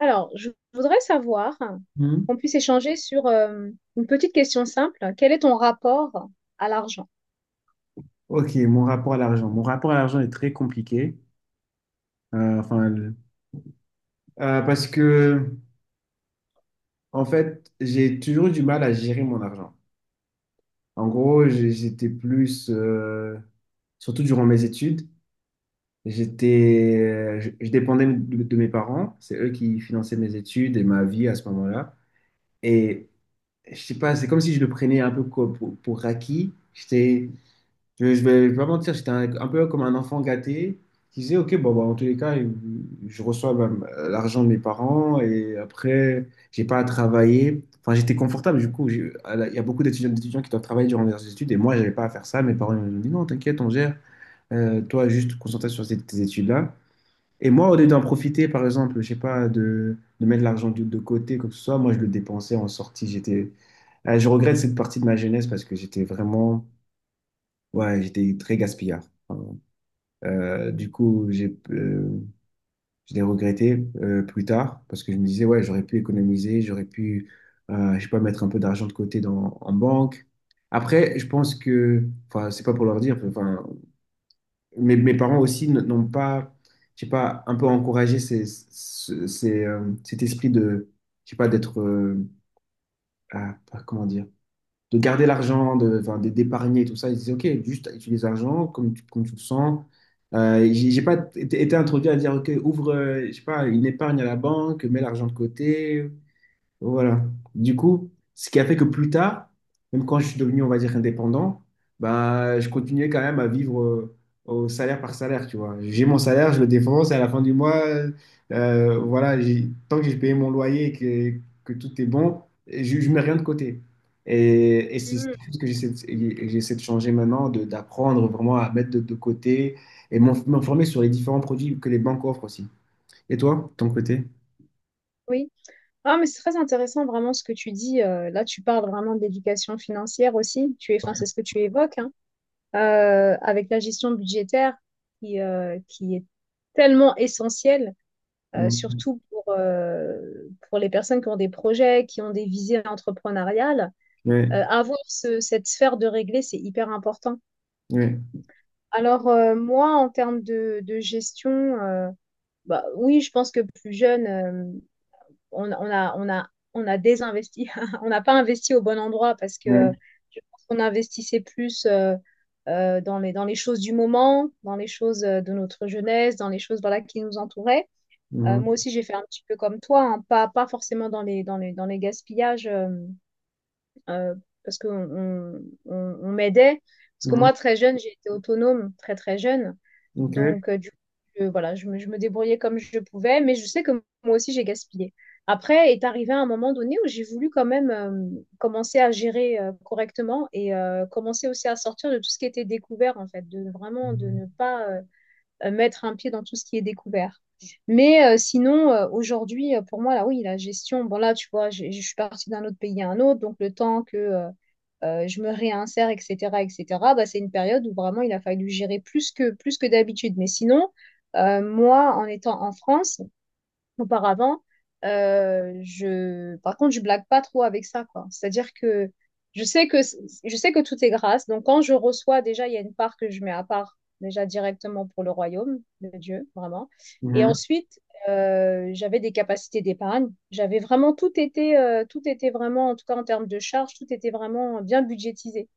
Alors, je voudrais savoir, hein, Hmm. qu'on puisse échanger sur une petite question simple. Quel est ton rapport à l'argent? Ok, mon rapport à l'argent. Mon rapport à l'argent est très compliqué. Euh, enfin, le- euh, parce que, En fait, j'ai toujours eu du mal à gérer mon argent. En gros, j'étais plus, surtout durant mes études, je dépendais de mes parents. C'est eux qui finançaient mes études et ma vie à ce moment-là. Et je sais pas, c'est comme si je le prenais un peu pour acquis. Je vais pas mentir, j'étais un peu comme un enfant gâté qui disait, OK, bon, bah, en tous les cas, je reçois bah, l'argent de mes parents et après, j'ai pas à travailler. Enfin, j'étais confortable, du coup, il y a beaucoup d'étudiants qui doivent travailler durant leurs études et moi, j'avais pas à faire ça. Mes parents ils m'ont dit, non, t'inquiète, on gère. Toi, juste concentre-toi sur tes études-là. Et moi, au lieu d'en profiter, par exemple, je sais pas, de mettre l'argent de côté, quoi que ce soit, moi, je le dépensais en sortie. Je regrette cette partie de ma jeunesse parce que j'étais vraiment, ouais, j'étais très gaspillard. Euh, du coup, j'ai, euh, je l'ai regretté plus tard parce que je me disais, ouais, j'aurais pu économiser, je sais pas, mettre un peu d'argent de côté en banque. Après, je pense que, enfin, c'est pas pour leur dire, enfin, mes parents aussi n'ont pas, je sais pas, un peu encouragé cet esprit de, je sais pas, ah, comment dire de garder l'argent, enfin, d'épargner, tout ça. Ils disaient, OK, juste utilise l'argent comme tu le sens. J'ai pas été introduit à dire, OK, ouvre, je sais pas, une épargne à la banque, mets l'argent de côté. Voilà. Du coup, ce qui a fait que plus tard, même quand je suis devenu, on va dire, indépendant, bah, je continuais quand même à vivre au salaire par salaire, tu vois. J'ai mon salaire, je le défonce, et à la fin du mois, voilà, tant que j'ai payé mon loyer et que tout est bon, je mets rien de côté. Et c'est Hmm. ce que et j'essaie de changer maintenant, d'apprendre vraiment à mettre de côté et m'informer sur les différents produits que les banques offrent aussi. Et toi, de ton côté? Oui. Ah, mais c'est très intéressant vraiment ce que tu dis. Là, tu parles vraiment d'éducation financière aussi. Tu es, enfin, c'est ce que tu évoques, hein, avec la gestion budgétaire qui est tellement essentielle, Mm. surtout pour les personnes qui ont des projets, qui ont des visées entrepreneuriales. Ouais, Avoir cette sphère de régler, c'est hyper important. ouais, Alors, moi, en termes de gestion, euh, bah, oui, je pense que plus jeune, on, on a, on a, on a désinvesti. On n'a pas investi au bon endroit parce que ouais. Je pense qu'on investissait plus dans dans les choses du moment, dans les choses de notre jeunesse, dans les choses voilà, qui nous entouraient. Mhm. Moi aussi, j'ai fait un petit peu comme toi, hein, pas forcément dans dans les gaspillages. Euh, Parce qu'on m'aidait. Parce que Mhm. moi, très jeune, j'ai été autonome, très très jeune. Ok. Donc, du coup, voilà, je me débrouillais comme je pouvais, mais je sais que moi aussi, j'ai gaspillé. Après est arrivé un moment donné où j'ai voulu quand même commencer à gérer correctement et commencer aussi à sortir de tout ce qui était découvert, en fait, de vraiment de Mhm. ne pas mettre un pied dans tout ce qui est découvert. Mais sinon, aujourd'hui, pour moi, là, oui, la gestion, bon, là, tu vois, je suis partie d'un autre pays à un autre, donc le temps que je me réinsère, etc., etc., bah, c'est une période où vraiment il a fallu gérer plus que d'habitude. Mais sinon, moi, en étant en France, auparavant, je... Par contre, je blague pas trop avec ça, quoi. C'est-à-dire que je sais que, c- je sais que tout est grâce. Donc, quand je reçois, déjà, il y a une part que je mets à part, déjà directement pour le royaume de Dieu, vraiment. Et Mhm. ensuite, j'avais des capacités d'épargne. J'avais vraiment tout été, tout était vraiment, en tout cas en termes de charges, tout était vraiment bien budgétisé.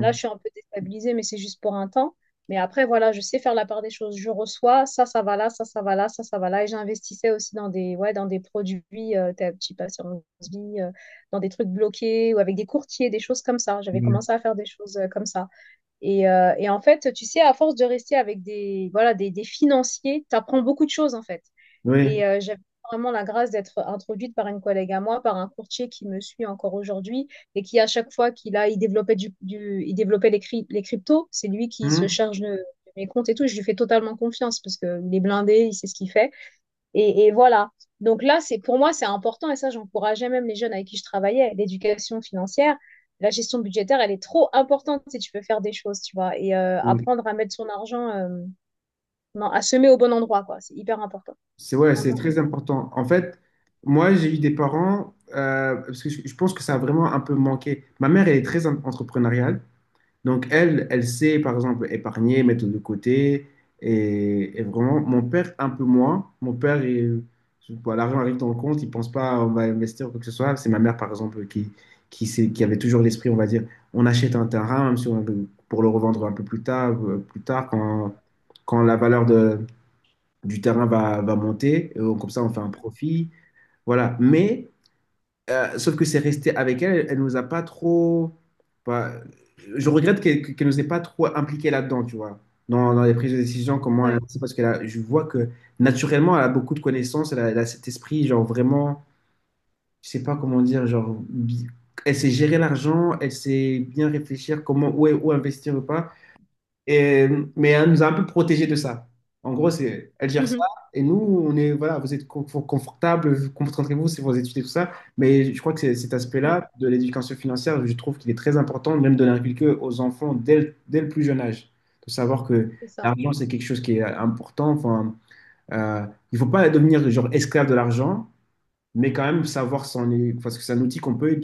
Là, je suis un peu déstabilisée, mais c'est juste pour un temps. Mais après, voilà, je sais faire la part des choses. Je reçois, ça va là, ça va là, ça va là. Et j'investissais aussi dans des, ouais, dans des produits, ta petite assurance vie, dans des trucs bloqués ou avec des courtiers, des choses comme ça. J'avais Mhm. commencé à faire des choses comme ça. Et en fait, tu sais, à force de rester avec des, voilà, des financiers, tu apprends beaucoup de choses, en fait. Oui. Et j'avais vraiment la grâce d'être introduite par une collègue à moi, par un courtier qui me suit encore aujourd'hui et qui, à chaque fois qu'il a, il développait, il développait les cryptos, c'est lui qui se Mhm. charge de mes comptes et tout. Je lui fais totalement confiance parce qu'il est blindé, il sait ce qu'il fait. Et voilà. Donc là, c'est pour moi, c'est important et ça, j'encourageais même les jeunes avec qui je travaillais, l'éducation financière. La gestion budgétaire, elle est trop importante si tu veux faire des choses, tu vois, et Mhm. apprendre à mettre son argent, non, à semer au bon endroit, quoi. C'est hyper important. C'est ouais, c'est Vraiment très hyper. important. En fait, moi, j'ai eu des parents, parce que je pense que ça a vraiment un peu manqué. Ma mère, elle est très entrepreneuriale. Donc, elle, elle sait, par exemple, épargner, mettre de côté. Et vraiment, mon père, un peu moins. Mon père, bon, l'argent arrive dans le compte, il ne pense pas on va investir ou quoi que ce soit. C'est ma mère, par exemple, qui avait toujours l'esprit, on va dire, on achète un terrain, même si on- pour le revendre un peu plus tard, plus tard quand, quand la valeur du terrain va monter. Et donc, comme ça, on fait un Mhm. profit. Voilà. Mais sauf que c'est resté avec elle, elle nous a pas trop. Bah, je regrette qu'elle nous ait pas trop impliqué là-dedans, tu vois, dans les prises de décision, comment elle Ouais. parce que là, je vois que naturellement, elle a beaucoup de connaissances, elle a cet esprit, genre vraiment, je sais pas comment dire, elle sait gérer l'argent, elle sait bien réfléchir comment où, où investir ou pas. Et, mais elle nous a un peu protégés de ça. En gros, c'est, elle gère ça. Mhm. Et nous, on est, voilà, vous êtes confortable, concentrez-vous sur vos études et tout ça. Mais je crois que cet Ouais. aspect-là de l'éducation financière, je trouve qu'il est très important, même de l'inculquer aux enfants dès le plus jeune âge. De savoir que C'est ça. l'argent, c'est quelque chose qui est important. Enfin, euh, il ne faut pas devenir genre esclave de l'argent, mais quand même savoir parce que c'est un outil qu'on peut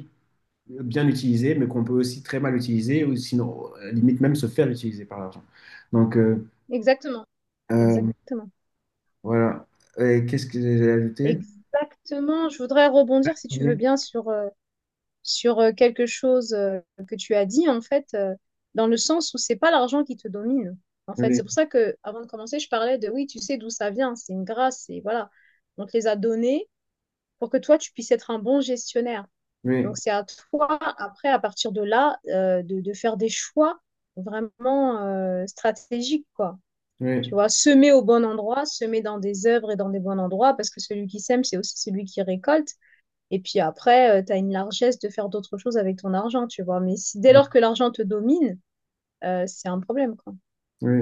bien utiliser, mais qu'on peut aussi très mal utiliser, ou sinon, limite même se faire utiliser par l'argent. Donc, Exactement. euh, Exactement. voilà. Et qu'est-ce que j'ai ajouté? Exactement. Je voudrais rebondir, si tu veux Oui, bien, sur quelque chose que tu as dit, en fait, dans le sens où c'est pas l'argent qui te domine. En fait, oui, c'est pour ça que avant de commencer, je parlais de oui, tu sais d'où ça vient, c'est une grâce, et voilà. On te les a donnés pour que toi, tu puisses être un bon gestionnaire. oui, Donc, c'est à toi, après, à partir de là, de faire des choix vraiment stratégiques, quoi. oui, Tu vois, semer au bon endroit, semer dans des œuvres et dans des bons endroits, parce que celui qui sème, c'est aussi celui qui récolte. Et puis après, tu as une largesse de faire d'autres choses avec ton argent, tu vois. Mais si, dès oui. lors que l'argent te domine, c'est un problème, quoi. Oui.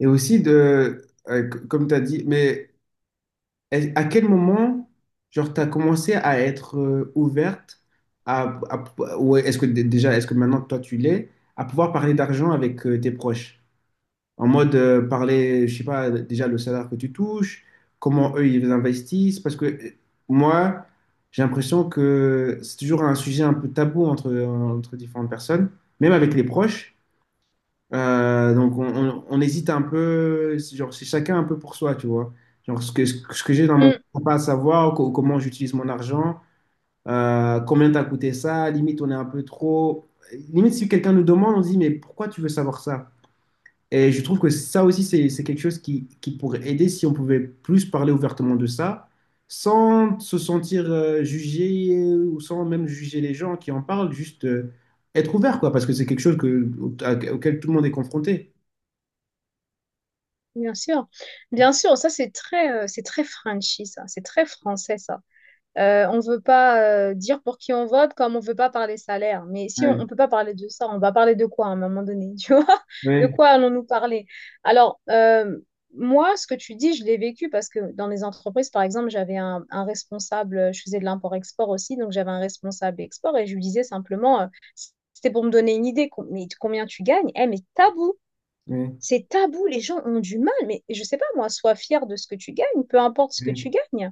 Et aussi de, comme tu as dit, mais à quel moment, genre, tu as commencé à être ouverte ou est-ce que déjà, est-ce que maintenant, toi, tu l'es, à pouvoir parler d'argent avec tes proches? En mode, parler, je sais pas, déjà le salaire que tu touches, comment eux ils investissent, parce que moi, j'ai l'impression que c'est toujours un sujet un peu tabou entre, entre différentes personnes, même avec les proches. Donc on hésite un peu, c'est genre c'est chacun un peu pour soi, tu vois. Genre ce que j'ai dans mon Mm, compte, pas à savoir, comment j'utilise mon argent, combien t'as coûté ça, limite on est un peu trop. Limite si quelqu'un nous demande, on se dit mais pourquoi tu veux savoir ça? Et je trouve que ça aussi, c'est quelque chose qui pourrait aider si on pouvait plus parler ouvertement de ça, sans se sentir jugé ou sans même juger les gens qui en parlent, juste être ouvert, quoi, parce que c'est quelque chose que, auquel tout le monde est confronté. bien sûr. Bien sûr, ça c'est c'est très Frenchy, ça. C'est très français, ça. On ne veut pas dire pour qui on vote, comme on ne veut pas parler salaire. Mais si on Ouais, ne peut pas parler de ça, on va parler de quoi à un moment donné, tu vois? De ouais, quoi allons-nous parler? Alors, moi, ce que tu dis, je l'ai vécu parce que dans les entreprises, par exemple, j'avais un responsable, je faisais de l'import-export aussi, donc j'avais un responsable export et je lui disais simplement, c'était pour me donner une idée, mais combien tu gagnes? Eh, mais tabou! ouais, C'est tabou, les gens ont du mal, mais je sais pas moi, sois fier de ce que tu gagnes, peu importe ce que tu ouais. gagnes.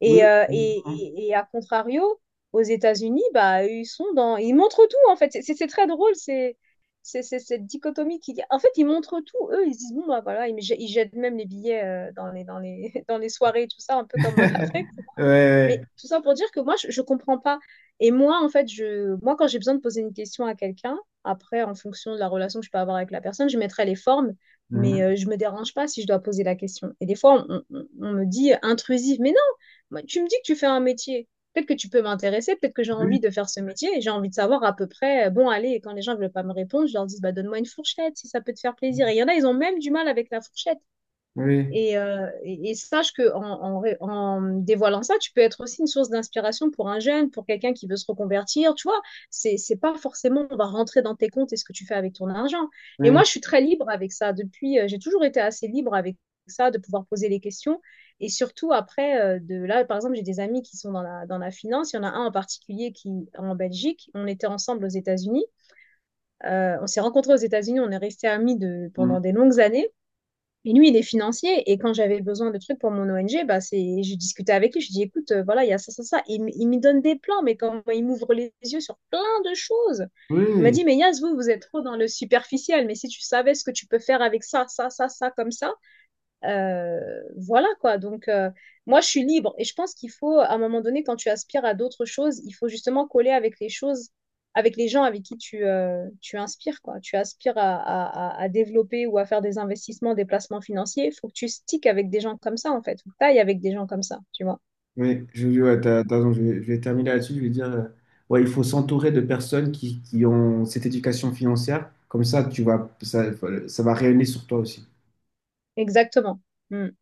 Et, Oui. Et à contrario, aux États-Unis, bah, ils sont dans... Ils montrent tout, en fait. C'est très drôle, c'est cette dichotomie qui... En fait, ils montrent tout. Eux, ils se disent, bon, bah voilà, ils jettent même les billets dans dans les soirées, tout ça, un peu comme en Afrique. Ouais, Mais tout ça pour dire que moi, je comprends pas. Et moi, en fait, moi, quand j'ai besoin de poser une question à quelqu'un, après, en fonction de la relation que je peux avoir avec la personne, je mettrai les formes, ouais. mais Mhm. Je ne me dérange pas si je dois poser la question. Et des fois, on me dit intrusive, mais non, moi, tu me dis que tu fais un métier. Peut-être que tu peux m'intéresser, peut-être que j'ai Oui, envie de faire ce métier et j'ai envie de savoir à peu près, bon, allez, et quand les gens ne veulent pas me répondre, je leur dis, bah, donne-moi une fourchette si ça peut te faire plaisir. Et il y en a, ils ont même du mal avec la fourchette. oui, Et, et sache que en dévoilant ça, tu peux être aussi une source d'inspiration pour un jeune, pour quelqu'un qui veut se reconvertir. Tu vois, c'est pas forcément on va rentrer dans tes comptes et ce que tu fais avec ton argent. Et oui. moi, je suis très libre avec ça. Depuis, j'ai toujours été assez libre avec ça, de pouvoir poser les questions. Et surtout après, de là, par exemple, j'ai des amis qui sont dans la finance. Il y en a un en particulier qui en Belgique. On était ensemble aux États-Unis. On s'est rencontrés aux États-Unis. On est restés amis de pendant Mhm. des longues années. Et lui, il est financier. Et quand j'avais besoin de trucs pour mon ONG, bah c'est, je discutais avec lui. Je dis, écoute, voilà, il y a ça, ça, ça. Il me donne des plans, mais comment il m'ouvre les yeux sur plein de choses. Il m'a Oui. dit, mais Yas, vous, vous êtes trop dans le superficiel. Mais si tu savais ce que tu peux faire avec ça, ça, ça, ça, comme ça, voilà quoi. Donc, moi, je suis libre et je pense qu'il faut, à un moment donné, quand tu aspires à d'autres choses, il faut justement coller avec les choses, avec les gens avec qui tu, tu inspires quoi. Tu aspires à développer ou à faire des investissements, des placements financiers. Il faut que tu sticks avec des gens comme ça en fait. Faut que t'ailles avec des gens comme ça, tu vois. Oui, ouais, t'as raison, je vais terminer là-dessus. Je vais dire, ouais, il faut s'entourer de personnes qui ont cette éducation financière. Comme ça, tu vas, ça va rayonner sur toi aussi. Exactement. Mm.